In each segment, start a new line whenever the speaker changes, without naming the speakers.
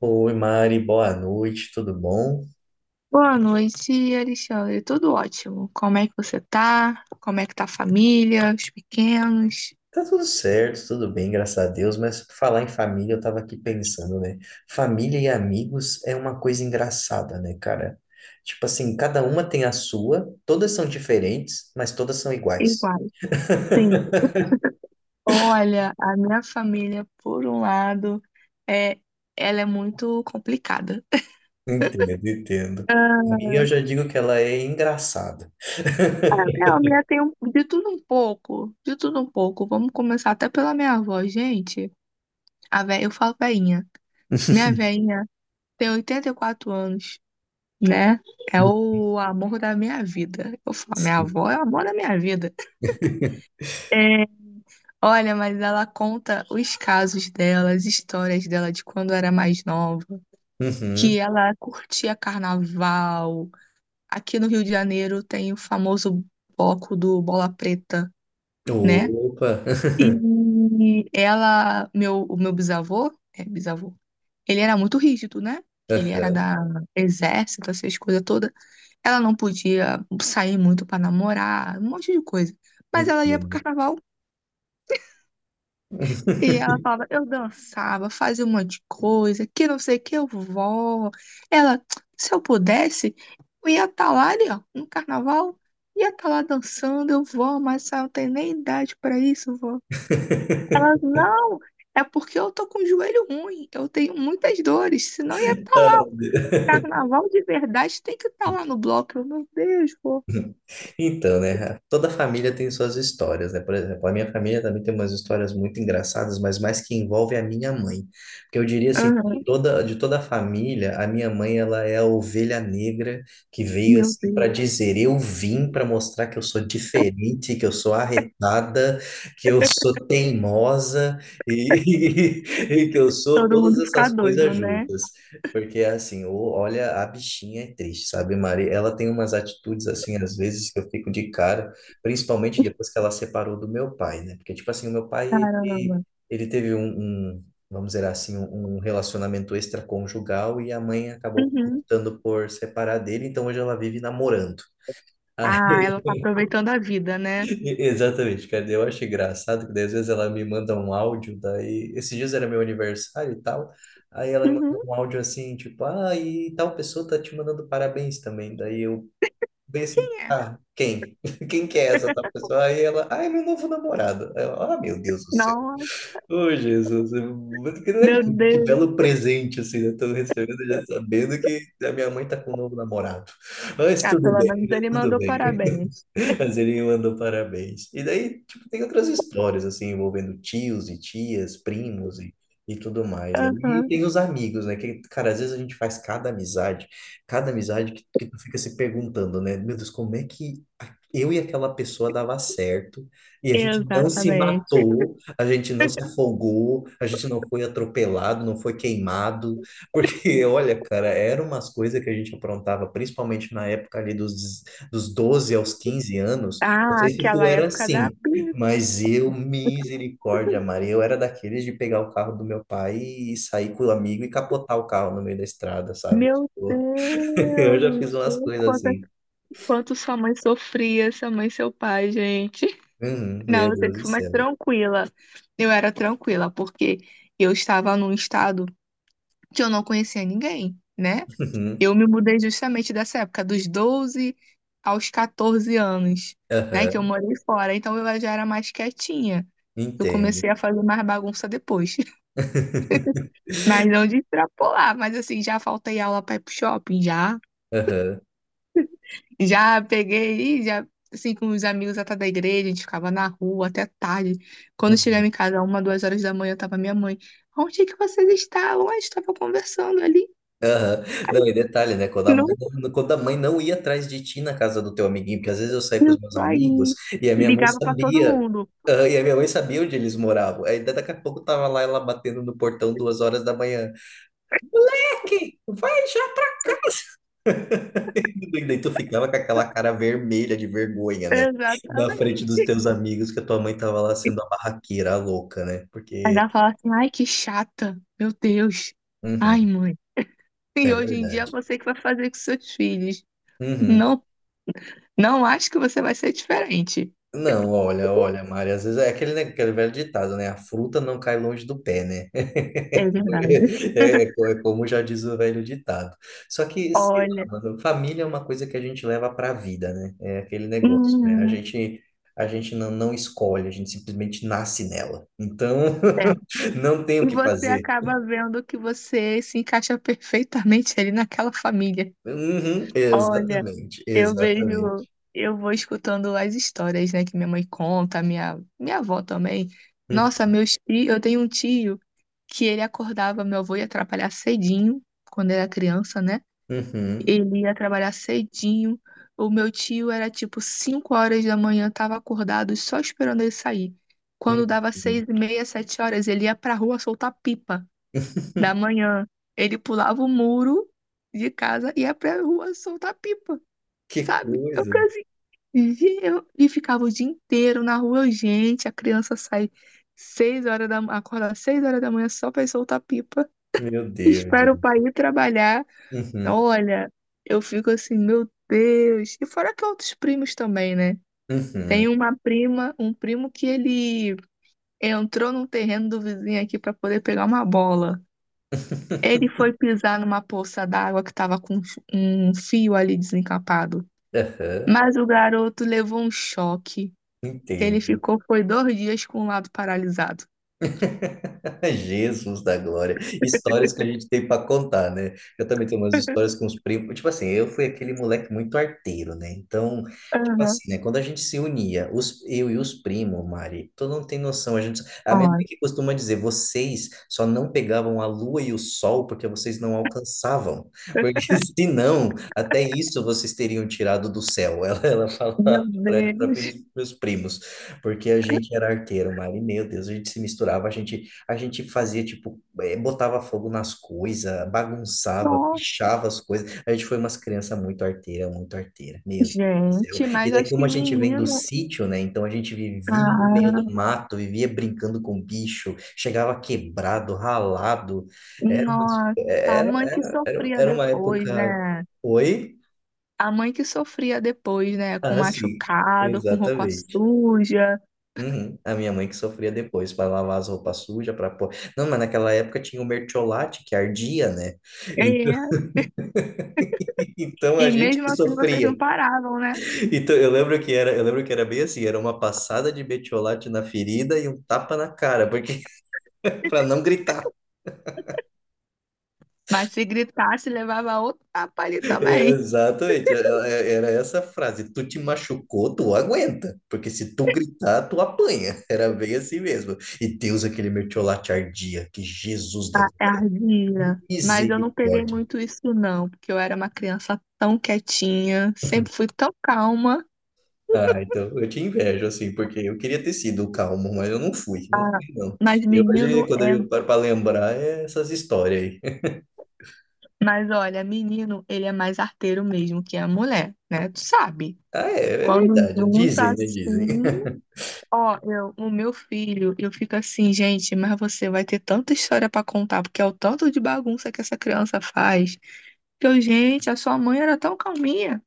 Oi, Mari, boa noite, tudo bom?
Boa noite, Alexandre. Tudo ótimo. Como é que você tá? Como é que tá a família, os pequenos?
Tá tudo certo, tudo bem, graças a Deus, mas falar em família, eu tava aqui pensando, né? Família e amigos é uma coisa engraçada, né, cara? Tipo assim, cada uma tem a sua, todas são diferentes, mas todas são iguais.
Igual. Sim. Olha, a minha família, por um lado, é, ela é muito complicada.
Entendo, entendo.
Ah.
Minha, eu já digo que ela é engraçada.
É, a minha tem de tudo um pouco, de tudo um pouco. Vamos começar até pela minha avó, gente. Eu falo veinha. Minha veinha tem 84 anos, né? É o amor da minha vida. Eu falo, minha
Sim.
avó é o amor da minha vida. Olha, mas ela conta os casos dela, as histórias dela de quando era mais nova,
Uhum.
que ela curtia carnaval. Aqui no Rio de Janeiro tem o famoso bloco do Bola Preta, né?
Opa!
E ela, meu, o meu bisavô, é bisavô, ele era muito rígido, né? Que ele era da exército, essas coisas todas. Ela não podia sair muito pra namorar, um monte de coisa. Mas ela ia pro
Entendo.
carnaval. E ela falava, eu dançava, fazia um monte de coisa, que não sei o que, eu vou. Ela, se eu pudesse, eu ia estar lá ali, ó, no carnaval, ia estar lá dançando, eu vou, mas eu não tenho nem idade para isso, vó. Ela, não, é porque eu tô com o joelho ruim, eu tenho muitas dores, senão ia estar lá. Carnaval de verdade tem que estar lá no bloco. Eu, meu Deus, vó.
Então, né? Toda família tem suas histórias, né? Por exemplo, a minha família também tem umas histórias muito engraçadas, mas mais que envolve a minha mãe. Porque eu diria assim, de
Aham.
toda, de toda a família, a minha mãe, ela é a ovelha negra que veio
Meu
assim para
Deus,
dizer, eu vim para mostrar que eu sou diferente, que eu sou arretada, que eu sou teimosa e, e que eu sou
todo
todas
mundo fica
essas
doido,
coisas
né?
juntas. Porque assim, olha, a bichinha é triste, sabe, Mari? Ela tem umas atitudes assim, às vezes, que eu fico de cara, principalmente depois que ela separou do meu pai, né? Porque, tipo assim, o meu pai, ele,
Caramba.
ele teve vamos dizer assim, um relacionamento extraconjugal e a mãe acabou
Uhum.
optando por separar dele, então hoje ela vive namorando.
Ah, ela tá aproveitando a vida, né?
Exatamente, cara. Eu acho engraçado que daí, às vezes ela me manda um áudio, daí esses dias era meu aniversário e tal. Aí ela me manda
Uhum.
um áudio assim, tipo, ah, e tal pessoa tá te mandando parabéns também. Daí eu bem assim, ah, quem? Quem que é essa tal pessoa? Aí ela, ah, é meu novo namorado. Aí eu, ah, meu Deus do céu.
Nossa,
Ô, Jesus, que, né,
meu
que
Deus.
belo presente, assim, eu tô recebendo já sabendo que a minha mãe tá com um novo namorado. Mas
Ah,
tudo
pelo
bem,
menos
né?
ele
Tudo
mandou
bem.
parabéns.
Mas ele me mandou parabéns. E daí, tipo, tem outras histórias, assim, envolvendo tios e tias, primos e tudo mais, né? E
Aham,
tem os amigos, né? Que, cara, às vezes a gente faz cada amizade que tu fica se perguntando, né? Meu Deus, como é que eu e aquela pessoa dava certo e a gente não se
exatamente.
matou, a gente não se afogou, a gente não foi atropelado, não foi queimado, porque, olha, cara, eram umas coisas que a gente aprontava, principalmente na época ali dos 12 aos 15 anos, não
Ah,
sei se tu
aquela
era
época da.
assim, mas eu, misericórdia, Maria, eu era daqueles de pegar o carro do meu pai e sair com o amigo e capotar o carro no meio da estrada, sabe? Tipo, eu já fiz
Deus,
umas
sei
coisas
quanta,
assim.
quanto sua mãe sofria, sua mãe e seu pai, gente.
Uhum,
Não,
meu
eu
Deus
sempre
do
fui mais
céu.
tranquila. Eu era tranquila, porque eu estava num estado que eu não conhecia ninguém, né?
Uhum,
Eu me mudei justamente dessa época, dos 12 aos 14 anos, né? Que eu
aham,
morei fora. Então eu já era mais quietinha. Eu
entendo.
comecei a fazer mais bagunça depois. Mas não de extrapolar. Mas assim, já faltei aula para ir pro shopping, já.
Aham.
Já peguei, já, assim, com os amigos até da igreja, a gente ficava na rua até tarde. Quando eu chegava em
Uhum.
casa, uma, 2 horas da manhã, tava minha mãe. Onde é que vocês estavam? A gente tava conversando ali.
Não, e detalhe, né? Quando a mãe
Não,
não, quando a mãe não ia atrás de ti na casa do teu amiguinho, porque às vezes eu saía com os meus
isso
amigos
aí.
e a minha mãe
Ligava para todo
sabia,
mundo.
ah, e a minha mãe sabia onde eles moravam. Aí daqui a pouco tava lá ela batendo no portão 2 horas da manhã. Moleque, vai já! E daí tu ficava com aquela cara vermelha de vergonha, né? Na frente dos
Exatamente.
teus amigos, que a tua mãe tava lá sendo a barraqueira, a louca, né? Porque.
Ainda fala assim, ai, que chata, meu Deus. Ai,
Uhum,
mãe. E
é
hoje em dia é
verdade.
você que vai fazer com seus filhos.
Uhum.
Não, não acho que você vai ser diferente.
Não, olha, olha, Mari, às vezes é aquele, né, aquele velho ditado, né? A fruta não cai longe do pé, né?
É verdade.
É, é como já diz o velho ditado. Só que, sei
Olha,
lá, mano, família é uma coisa que a gente leva para a vida, né? É aquele negócio, né? A
hum,
gente, não escolhe, a gente simplesmente nasce nela. Então,
é.
não tem o
E
que
você
fazer.
acaba vendo que você se encaixa perfeitamente ali naquela família.
Uhum,
Olha.
exatamente,
Eu vejo,
exatamente.
eu vou escutando as histórias, né, que minha mãe conta, minha avó também. Nossa, meus tios, eu tenho um tio que ele acordava, meu avô ia trabalhar cedinho, quando era criança, né?
Uhum,
Ele ia trabalhar cedinho. O meu tio era tipo 5 horas da manhã, tava acordado, só esperando ele sair. Quando dava
uhum.
6h30, 7 horas, ele ia pra rua soltar pipa da manhã. Ele pulava o muro de casa e ia pra rua soltar pipa,
Que
sabe? Eu
coisa.
e, eu, e ficava o dia inteiro na rua, gente. A criança sai seis horas da ma- acorda 6 horas da manhã só pra ir soltar pipa.
Meu Deus,
Espera o
gente.
pai ir trabalhar.
Uhum.
Olha, eu fico assim, meu Deus. E fora que outros primos também, né? Tem
Uhum.
uma prima, um primo que ele entrou num terreno do vizinho aqui pra poder pegar uma bola. Ele foi pisar numa poça d'água que tava com um fio ali desencapado.
Aham.
Mas o garoto levou um choque. Que ele
Entendo.
ficou foi 2 dias com o lado paralisado.
Jesus da glória. Histórias que a gente tem para contar, né? Eu também tenho umas histórias com os primos. Tipo assim, eu fui aquele moleque muito arteiro, né? Então, tipo
Aham.
assim, né? Quando a gente se unia, os, eu e os primos, Mari, tu não tem noção. A gente, a minha mãe
Ai,
que costuma dizer, vocês só não pegavam a lua e o sol porque vocês não alcançavam. Porque se não, até isso vocês teriam tirado do céu. Ela falava
meu
para
Deus.
meus primos. Porque a gente era arteiro, Mari, meu Deus, a gente se misturava, a gente fazia, tipo, botava fogo nas coisas, bagunçava,
Nossa,
pichava as coisas. A gente foi umas crianças muito arteira, meu Deus do céu.
gente,
E
mas
daí,
acho
como
que
a gente vem do
menino.
sítio, né? Então a gente vivia no meio
Ah,
do mato, vivia brincando com bicho, chegava quebrado, ralado. Era uma,
nossa, a mãe que sofria
era uma
depois,
época.
né?
Oi?
A mãe que sofria depois, né? Com
Ah, sim,
machucado, com roupa
exatamente.
suja.
Uhum. A minha mãe que sofria depois para lavar as roupas sujas, para pôr. Não, mas naquela época tinha o mertiolate que ardia, né? Então
E,
então a
e
gente que
mesmo assim vocês não
sofria.
paravam, né?
Então eu lembro que era bem assim, era uma passada de mertiolate na ferida e um tapa na cara, porque para não gritar.
Mas se gritasse, levava outro tapa ali
É,
também.
exatamente, era essa frase. Tu te machucou, tu aguenta, porque se tu gritar, tu apanha. Era bem assim mesmo. E Deus aquele mertiolate ardia, que Jesus da
Ah, é ardia. Mas eu não peguei
misericórdia.
muito isso, não, porque eu era uma criança tão quietinha, sempre fui tão calma.
Ah, então eu te invejo, assim, porque eu queria ter sido o calmo, mas eu não fui, não.
Mas
E hoje,
menino
quando
é.
eu paro para lembrar, é essas histórias aí.
Mas olha, menino, ele é mais arteiro mesmo que a mulher, né? Tu sabe?
Ah, é, é
Quando
verdade.
junta
Dizem, né? Dizem.
assim. Ó, eu, o meu filho, eu fico assim, gente, mas você vai ter tanta história pra contar, porque é o tanto de bagunça que essa criança faz. Que eu, gente, a sua mãe era tão calminha.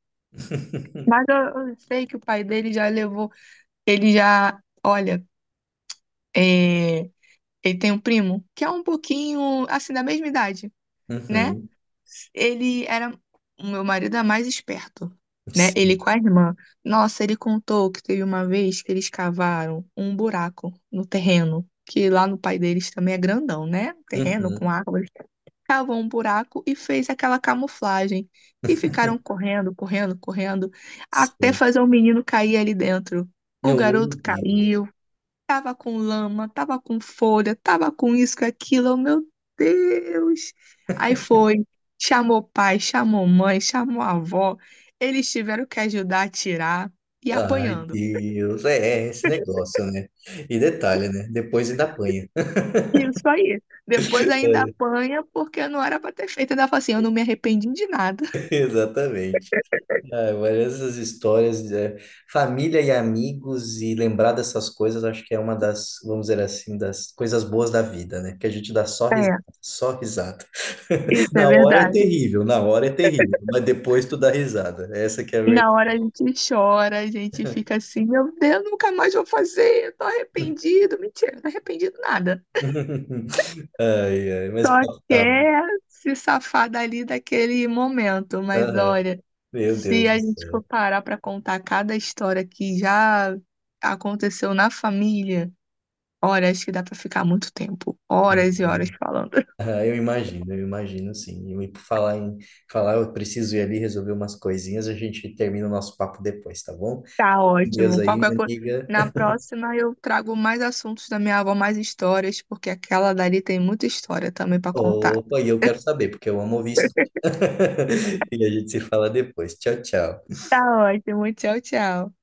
Mas eu sei que o pai dele já levou. Ele já. Olha. É, ele tem um primo que é um pouquinho assim da mesma idade, né?
Uhum,
Ele era O meu marido é mais esperto, né? Ele
sim.
com a irmã. Nossa, ele contou que teve uma vez que eles cavaram um buraco no terreno, que lá no pai deles também é grandão, né? Um Terreno com
Uhum,
árvores. Cavou um buraco e fez aquela camuflagem. E ficaram correndo, correndo, correndo, até
sim.
fazer o menino cair ali dentro. O garoto
Meu Deus.
caiu. Tava com lama, tava com folha, tava com isso, com aquilo. Eu, meu Deus! Aí foi, chamou pai, chamou mãe, chamou avó. Eles tiveram que ajudar a tirar e
Ai,
apanhando.
Deus. É, é esse negócio, né? E detalhe, né? Depois ainda apanha.
Isso aí. Depois ainda apanha porque não era pra ter feito. Ainda fala assim, eu não me arrependi de nada.
Exatamente. É, várias essas histórias, é, família e amigos, e lembrar dessas coisas, acho que é uma das, vamos dizer assim, das coisas boas da vida, né? Que a gente dá só risada,
É,
só risada.
isso é
Na hora é
verdade.
terrível, na hora é terrível, mas depois tu dá risada. Essa que é a
Na
verdade.
hora a gente chora, a gente fica assim, meu Deus, nunca mais vou fazer, eu tô arrependido. Mentira, não arrependido nada.
Ai, ai, mas
Só
o papo tá bom.
quer se safar dali daquele momento, mas
Aham,
olha,
meu
se
Deus
a
do
gente for
céu.
parar para contar cada história que já aconteceu na família, olha, acho que dá para ficar muito tempo, horas e horas falando.
Ah, eu imagino sim. E por falar em falar, eu preciso ir ali resolver umas coisinhas, a gente termina o nosso papo depois, tá bom?
Tá
Com Deus
ótimo.
aí,
Qualquer
minha
coisa.
amiga.
Na próxima eu trago mais assuntos da minha avó, mais histórias, porque aquela dali tem muita história também para contar.
Opa, e eu quero saber, porque eu amo ouvir história. E a gente se fala depois. Tchau, tchau.
Tá ótimo. Tchau, tchau.